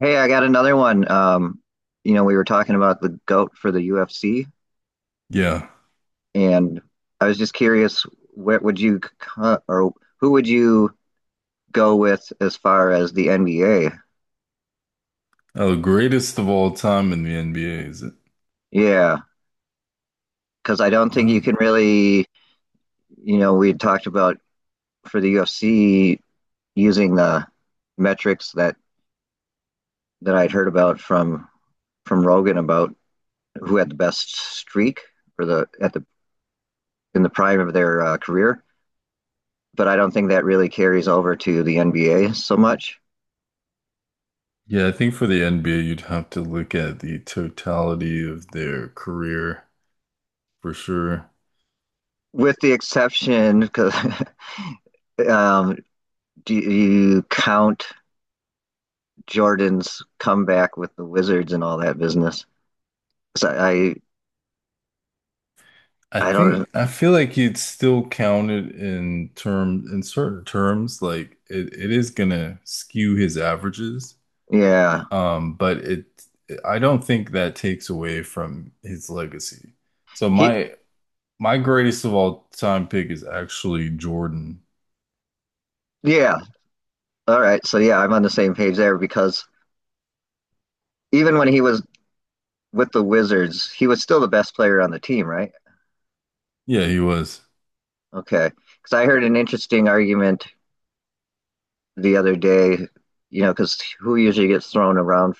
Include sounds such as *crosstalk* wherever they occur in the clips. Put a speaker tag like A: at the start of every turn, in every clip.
A: Hey, I got another one. We were talking about the GOAT for the UFC,
B: Yeah.
A: and I was just curious, what would you or who would you go with as far as the NBA?
B: Oh, the greatest of all time in the NBA is it?
A: Yeah, because I don't think you
B: Um,
A: can really, we had talked about for the UFC using the metrics that I'd heard about from Rogan about who had the best streak for the at the in the prime of their career. But I don't think that really carries over to the NBA so much.
B: yeah, I think for the NBA, you'd have to look at the totality of their career for sure.
A: With the exception, because *laughs* um, do you count Jordan's comeback with the Wizards and all that business? So I,
B: I
A: I don't.
B: think I feel like you'd still count it in term in certain terms. Like it is gonna skew his averages.
A: Yeah,
B: But it I don't think that takes away from his legacy. So
A: he.
B: my greatest of all time pick is actually Jordan.
A: Yeah. All right. So yeah, I'm on the same page there because even when he was with the Wizards, he was still the best player on the team, right?
B: Yeah, he was.
A: Okay. Because I heard an interesting argument the other day. Because who usually gets thrown around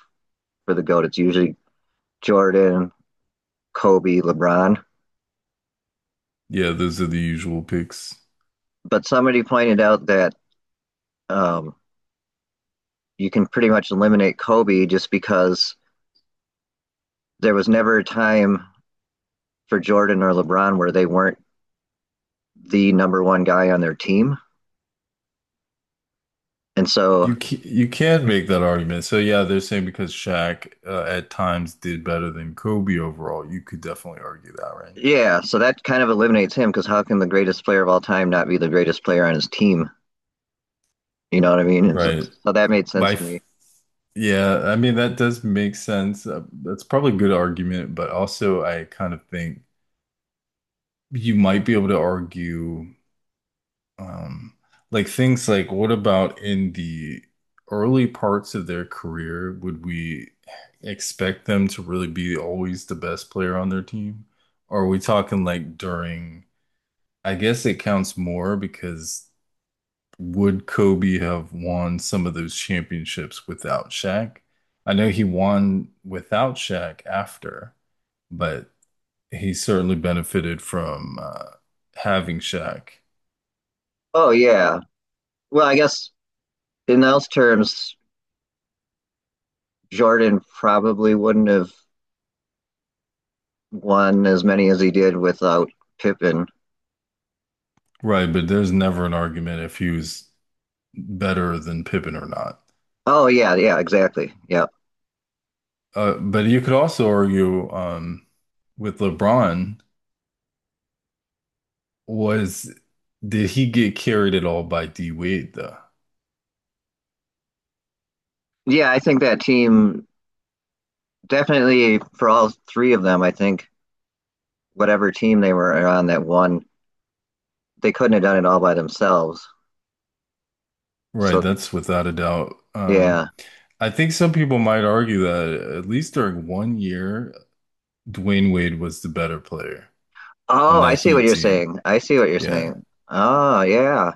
A: for the goat? It's usually Jordan, Kobe, LeBron.
B: Yeah, those are the usual picks.
A: But somebody pointed out that um, you can pretty much eliminate Kobe just because there was never a time for Jordan or LeBron where they weren't the number one guy on their team. And so,
B: You can make that argument. So yeah, they're saying because Shaq at times did better than Kobe overall, you could definitely argue that, right?
A: yeah, so that kind of eliminates him because how can the greatest player of all time not be the greatest player on his team? You know what I mean? And so,
B: Right.
A: so that made sense
B: My
A: to me.
B: f- yeah, I mean that does make sense. That's probably a good argument, but also I kind of think you might be able to argue. Um, like things like what about in the early parts of their career, would we expect them to really be always the best player on their team? Or are we talking like during, I guess it counts more because would Kobe have won some of those championships without Shaq? I know he won without Shaq after, but he certainly benefited from having Shaq.
A: Oh, yeah. Well, I guess in those terms, Jordan probably wouldn't have won as many as he did without Pippen.
B: Right, but there's never an argument if he's better than Pippen or not.
A: Oh yeah, yeah, exactly. Yeah.
B: But you could also argue with LeBron was did he get carried at all by D Wade though?
A: Yeah, I think that team definitely for all three of them, I think whatever team they were on that won, they couldn't have done it all by themselves.
B: Right,
A: So
B: that's without a doubt.
A: yeah.
B: I think some people might argue that at least during one year, Dwayne Wade was the better player on
A: Oh, I
B: that
A: see what
B: Heat
A: you're
B: team.
A: saying. I see what you're
B: Yeah,
A: saying. Oh yeah.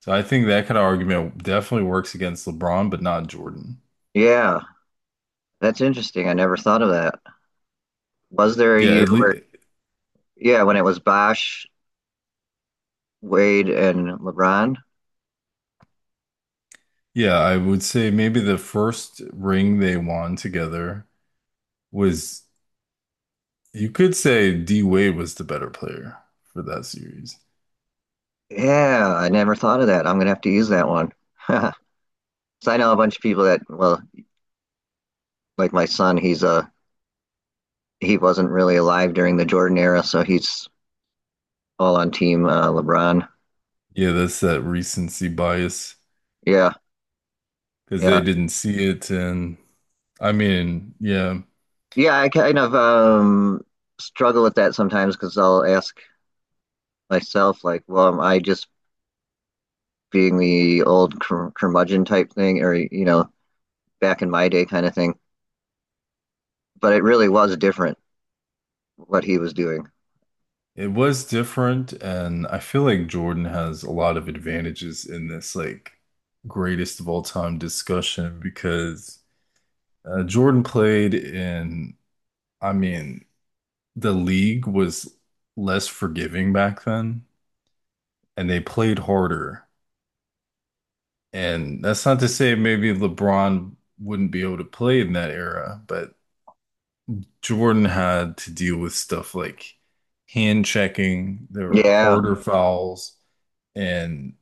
B: so I think that kind of argument definitely works against LeBron, but not Jordan.
A: Yeah. That's interesting. I never thought of that. Was there a
B: Yeah,
A: year
B: at
A: where
B: least.
A: yeah, when it was Bosh, Wade and LeBron?
B: Yeah, I would say maybe the first ring they won together was, you could say D Wade was the better player for that series.
A: Yeah, I never thought of that. I'm gonna have to use that one. *laughs* So I know a bunch of people that, well, like my son, he's he wasn't really alive during the Jordan era, so he's all on team LeBron.
B: Yeah, that's that recency bias
A: Yeah,
B: because they
A: yeah,
B: didn't see it. And I mean, yeah,
A: yeah. I kind of struggle with that sometimes because I'll ask myself, like, well, am I just being the old curmudgeon type thing, or back in my day kind of thing? But it really was different what he was doing.
B: it was different. And I feel like Jordan has a lot of advantages in this, like, greatest of all time discussion because Jordan played in, I mean, the league was less forgiving back then and they played harder. And that's not to say maybe LeBron wouldn't be able to play in that era, but Jordan had to deal with stuff like hand checking, there were
A: Yeah,
B: harder fouls, and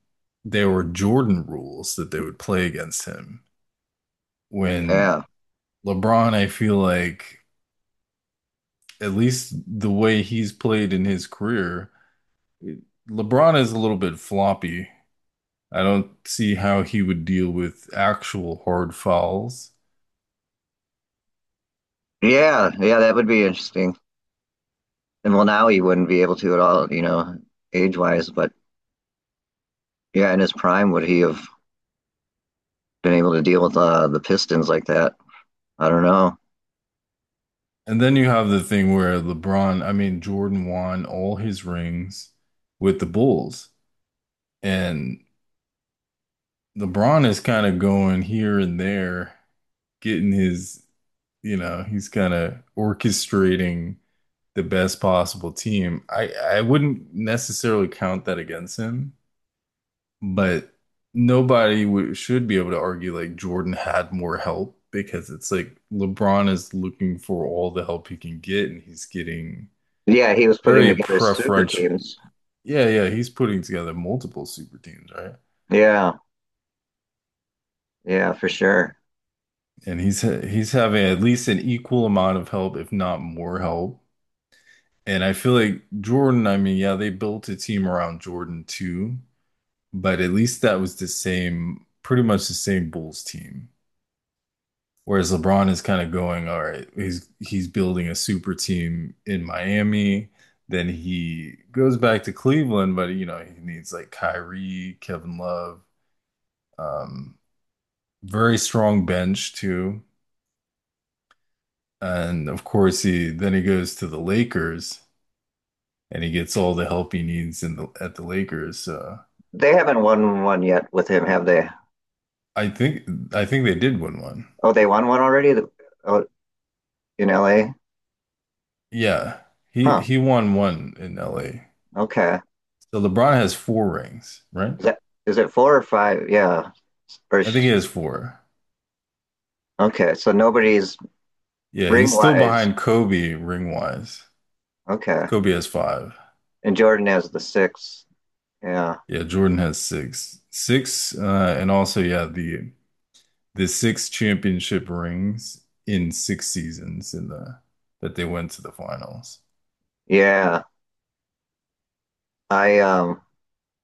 B: there were Jordan rules that they would play against him. When
A: yeah,
B: LeBron, I feel like, at least the way he's played in his career, LeBron is a little bit floppy. I don't see how he would deal with actual hard fouls.
A: yeah, yeah. That would be interesting. And well, now he wouldn't be able to at all, age wise, but. Yeah, in his prime, would he have been able to deal with the Pistons like that? I don't know.
B: And then you have the thing where LeBron, I mean, Jordan won all his rings with the Bulls. And LeBron is kind of going here and there, getting his, you know, he's kind of orchestrating the best possible team. I wouldn't necessarily count that against him. But nobody w should be able to argue like Jordan had more help because it's like LeBron is looking for all the help he can get and he's getting
A: Yeah, he was putting
B: very
A: together super
B: preferential.
A: teams.
B: Yeah, yeah, he's putting together multiple super teams, right?
A: Yeah, yeah, for sure.
B: And he's having at least an equal amount of help, if not more help. And I feel like Jordan, I mean, yeah, they built a team around Jordan too, but at least that was the same, pretty much the same Bulls team. Whereas LeBron is kind of going, all right, he's building a super team in Miami. Then he goes back to Cleveland, but you know, he needs like Kyrie, Kevin Love, um, very strong bench too. And of course he goes to the Lakers and he gets all the help he needs in the Lakers. So
A: They haven't won one yet with him, have they?
B: I think they did win one.
A: Oh, they won one already. Oh, in LA?
B: Yeah.
A: Huh.
B: He won one in LA.
A: Okay.
B: So LeBron has four rings, right?
A: Is that is it four or five? Yeah. Or
B: I think he
A: sh-
B: has four.
A: okay. So nobody's
B: Yeah,
A: ring
B: he's still
A: wise.
B: behind Kobe ring wise.
A: Okay.
B: Kobe has five.
A: And Jordan has the six. Yeah.
B: Yeah, Jordan has six. Six, and also yeah, the six championship rings in six seasons in the that they went to the finals.
A: Yeah. I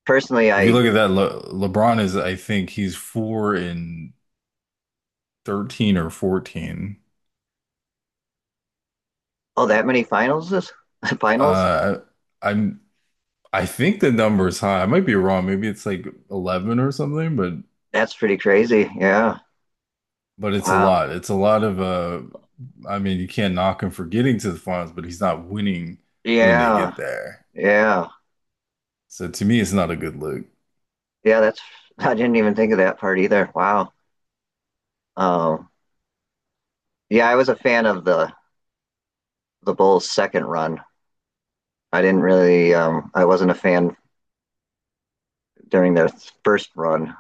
A: personally,
B: If you
A: I,
B: look at that, Le LeBron is I think he's four in 13 or 14.
A: oh, that many finals? This *laughs* finals.
B: Uh, I I think the number is high. I might be wrong. Maybe it's like 11 or something,
A: That's pretty crazy. Yeah.
B: but it's a
A: Wow.
B: lot. It's a lot of I mean, you can't knock him for getting to the finals, but he's not winning when they
A: Yeah.
B: get there.
A: Yeah.
B: So to me, it's not a good look.
A: Yeah. That's, *laughs* I didn't even think of that part either. Wow. Um, yeah, I was a fan of the, Bulls' second run. I didn't really, I wasn't a fan during their first run,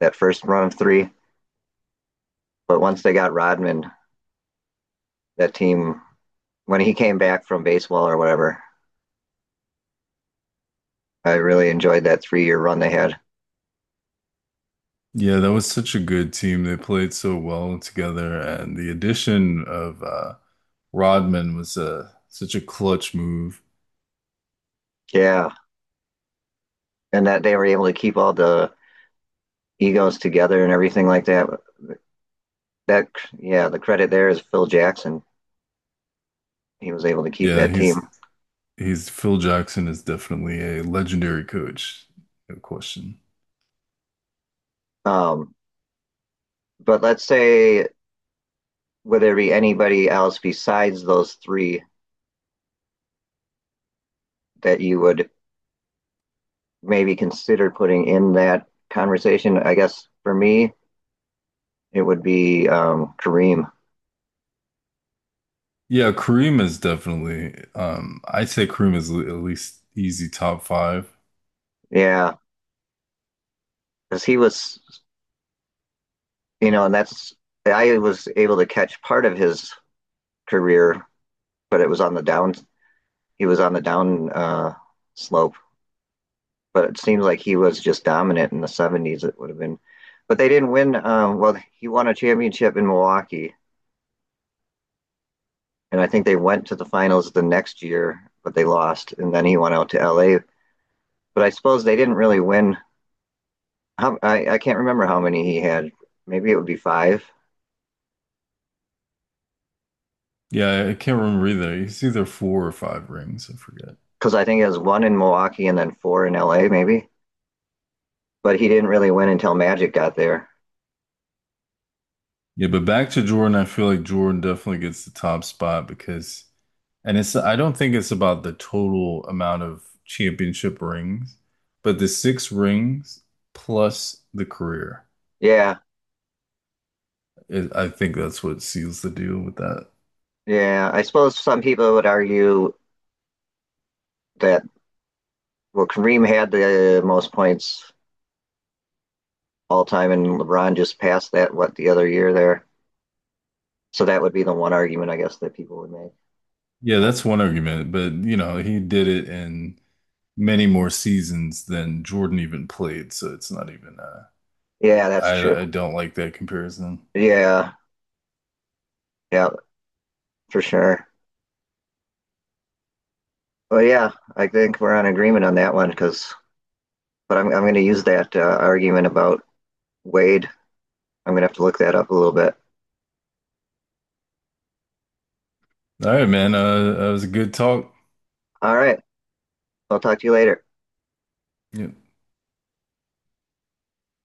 A: that first run of three. But once they got Rodman, that team, when he came back from baseball or whatever, I really enjoyed that 3-year run they had.
B: Yeah, that was such a good team. They played so well together, and the addition of Rodman was such a clutch move.
A: Yeah. And that they were able to keep all the egos together and everything like that. Yeah, the credit there is Phil Jackson. He was able to keep
B: Yeah,
A: that team.
B: he's Phil Jackson is definitely a legendary coach. No question.
A: Um, but let's say would there be anybody else besides those three that you would maybe consider putting in that conversation? I guess for me, it would be Kareem.
B: Yeah, Kareem is definitely I'd say Kareem is at least easy top five.
A: Yeah, because he was, you know, and that's I was able to catch part of his career, but it was on the down. He was on the down slope but it seems like he was just dominant in the 70s. It would have been, but they didn't win. Well, he won a championship in Milwaukee, and I think they went to the finals the next year, but they lost, and then he went out to LA. But I suppose they didn't really win. I can't remember how many he had. Maybe it would be five,
B: Yeah, I can't remember either. It's either four or five rings. I forget.
A: because I think it was one in Milwaukee and then four in LA, maybe. But he didn't really win until Magic got there.
B: Yeah, but back to Jordan, I feel like Jordan definitely gets the top spot because, and it's, I don't think it's about the total amount of championship rings, but the six rings plus the career.
A: Yeah,
B: It, I think that's what seals the deal with that.
A: yeah. I suppose some people would argue that well, Kareem had the most points all time, and LeBron just passed that what the other year there. So that would be the one argument I guess that people would make.
B: Yeah,
A: But
B: that's one argument, but you know, he did it in many more seasons than Jordan even played, so it's not even, uh,
A: yeah, that's true.
B: I, I don't like that comparison.
A: Yeah, yeah, for sure. But yeah, I think we're on agreement on that one because. But I'm going to use that argument about Wade. I'm going to have to look that up a little bit.
B: All right, man. That was a good talk.
A: All right, I'll talk to you later.
B: Yeah.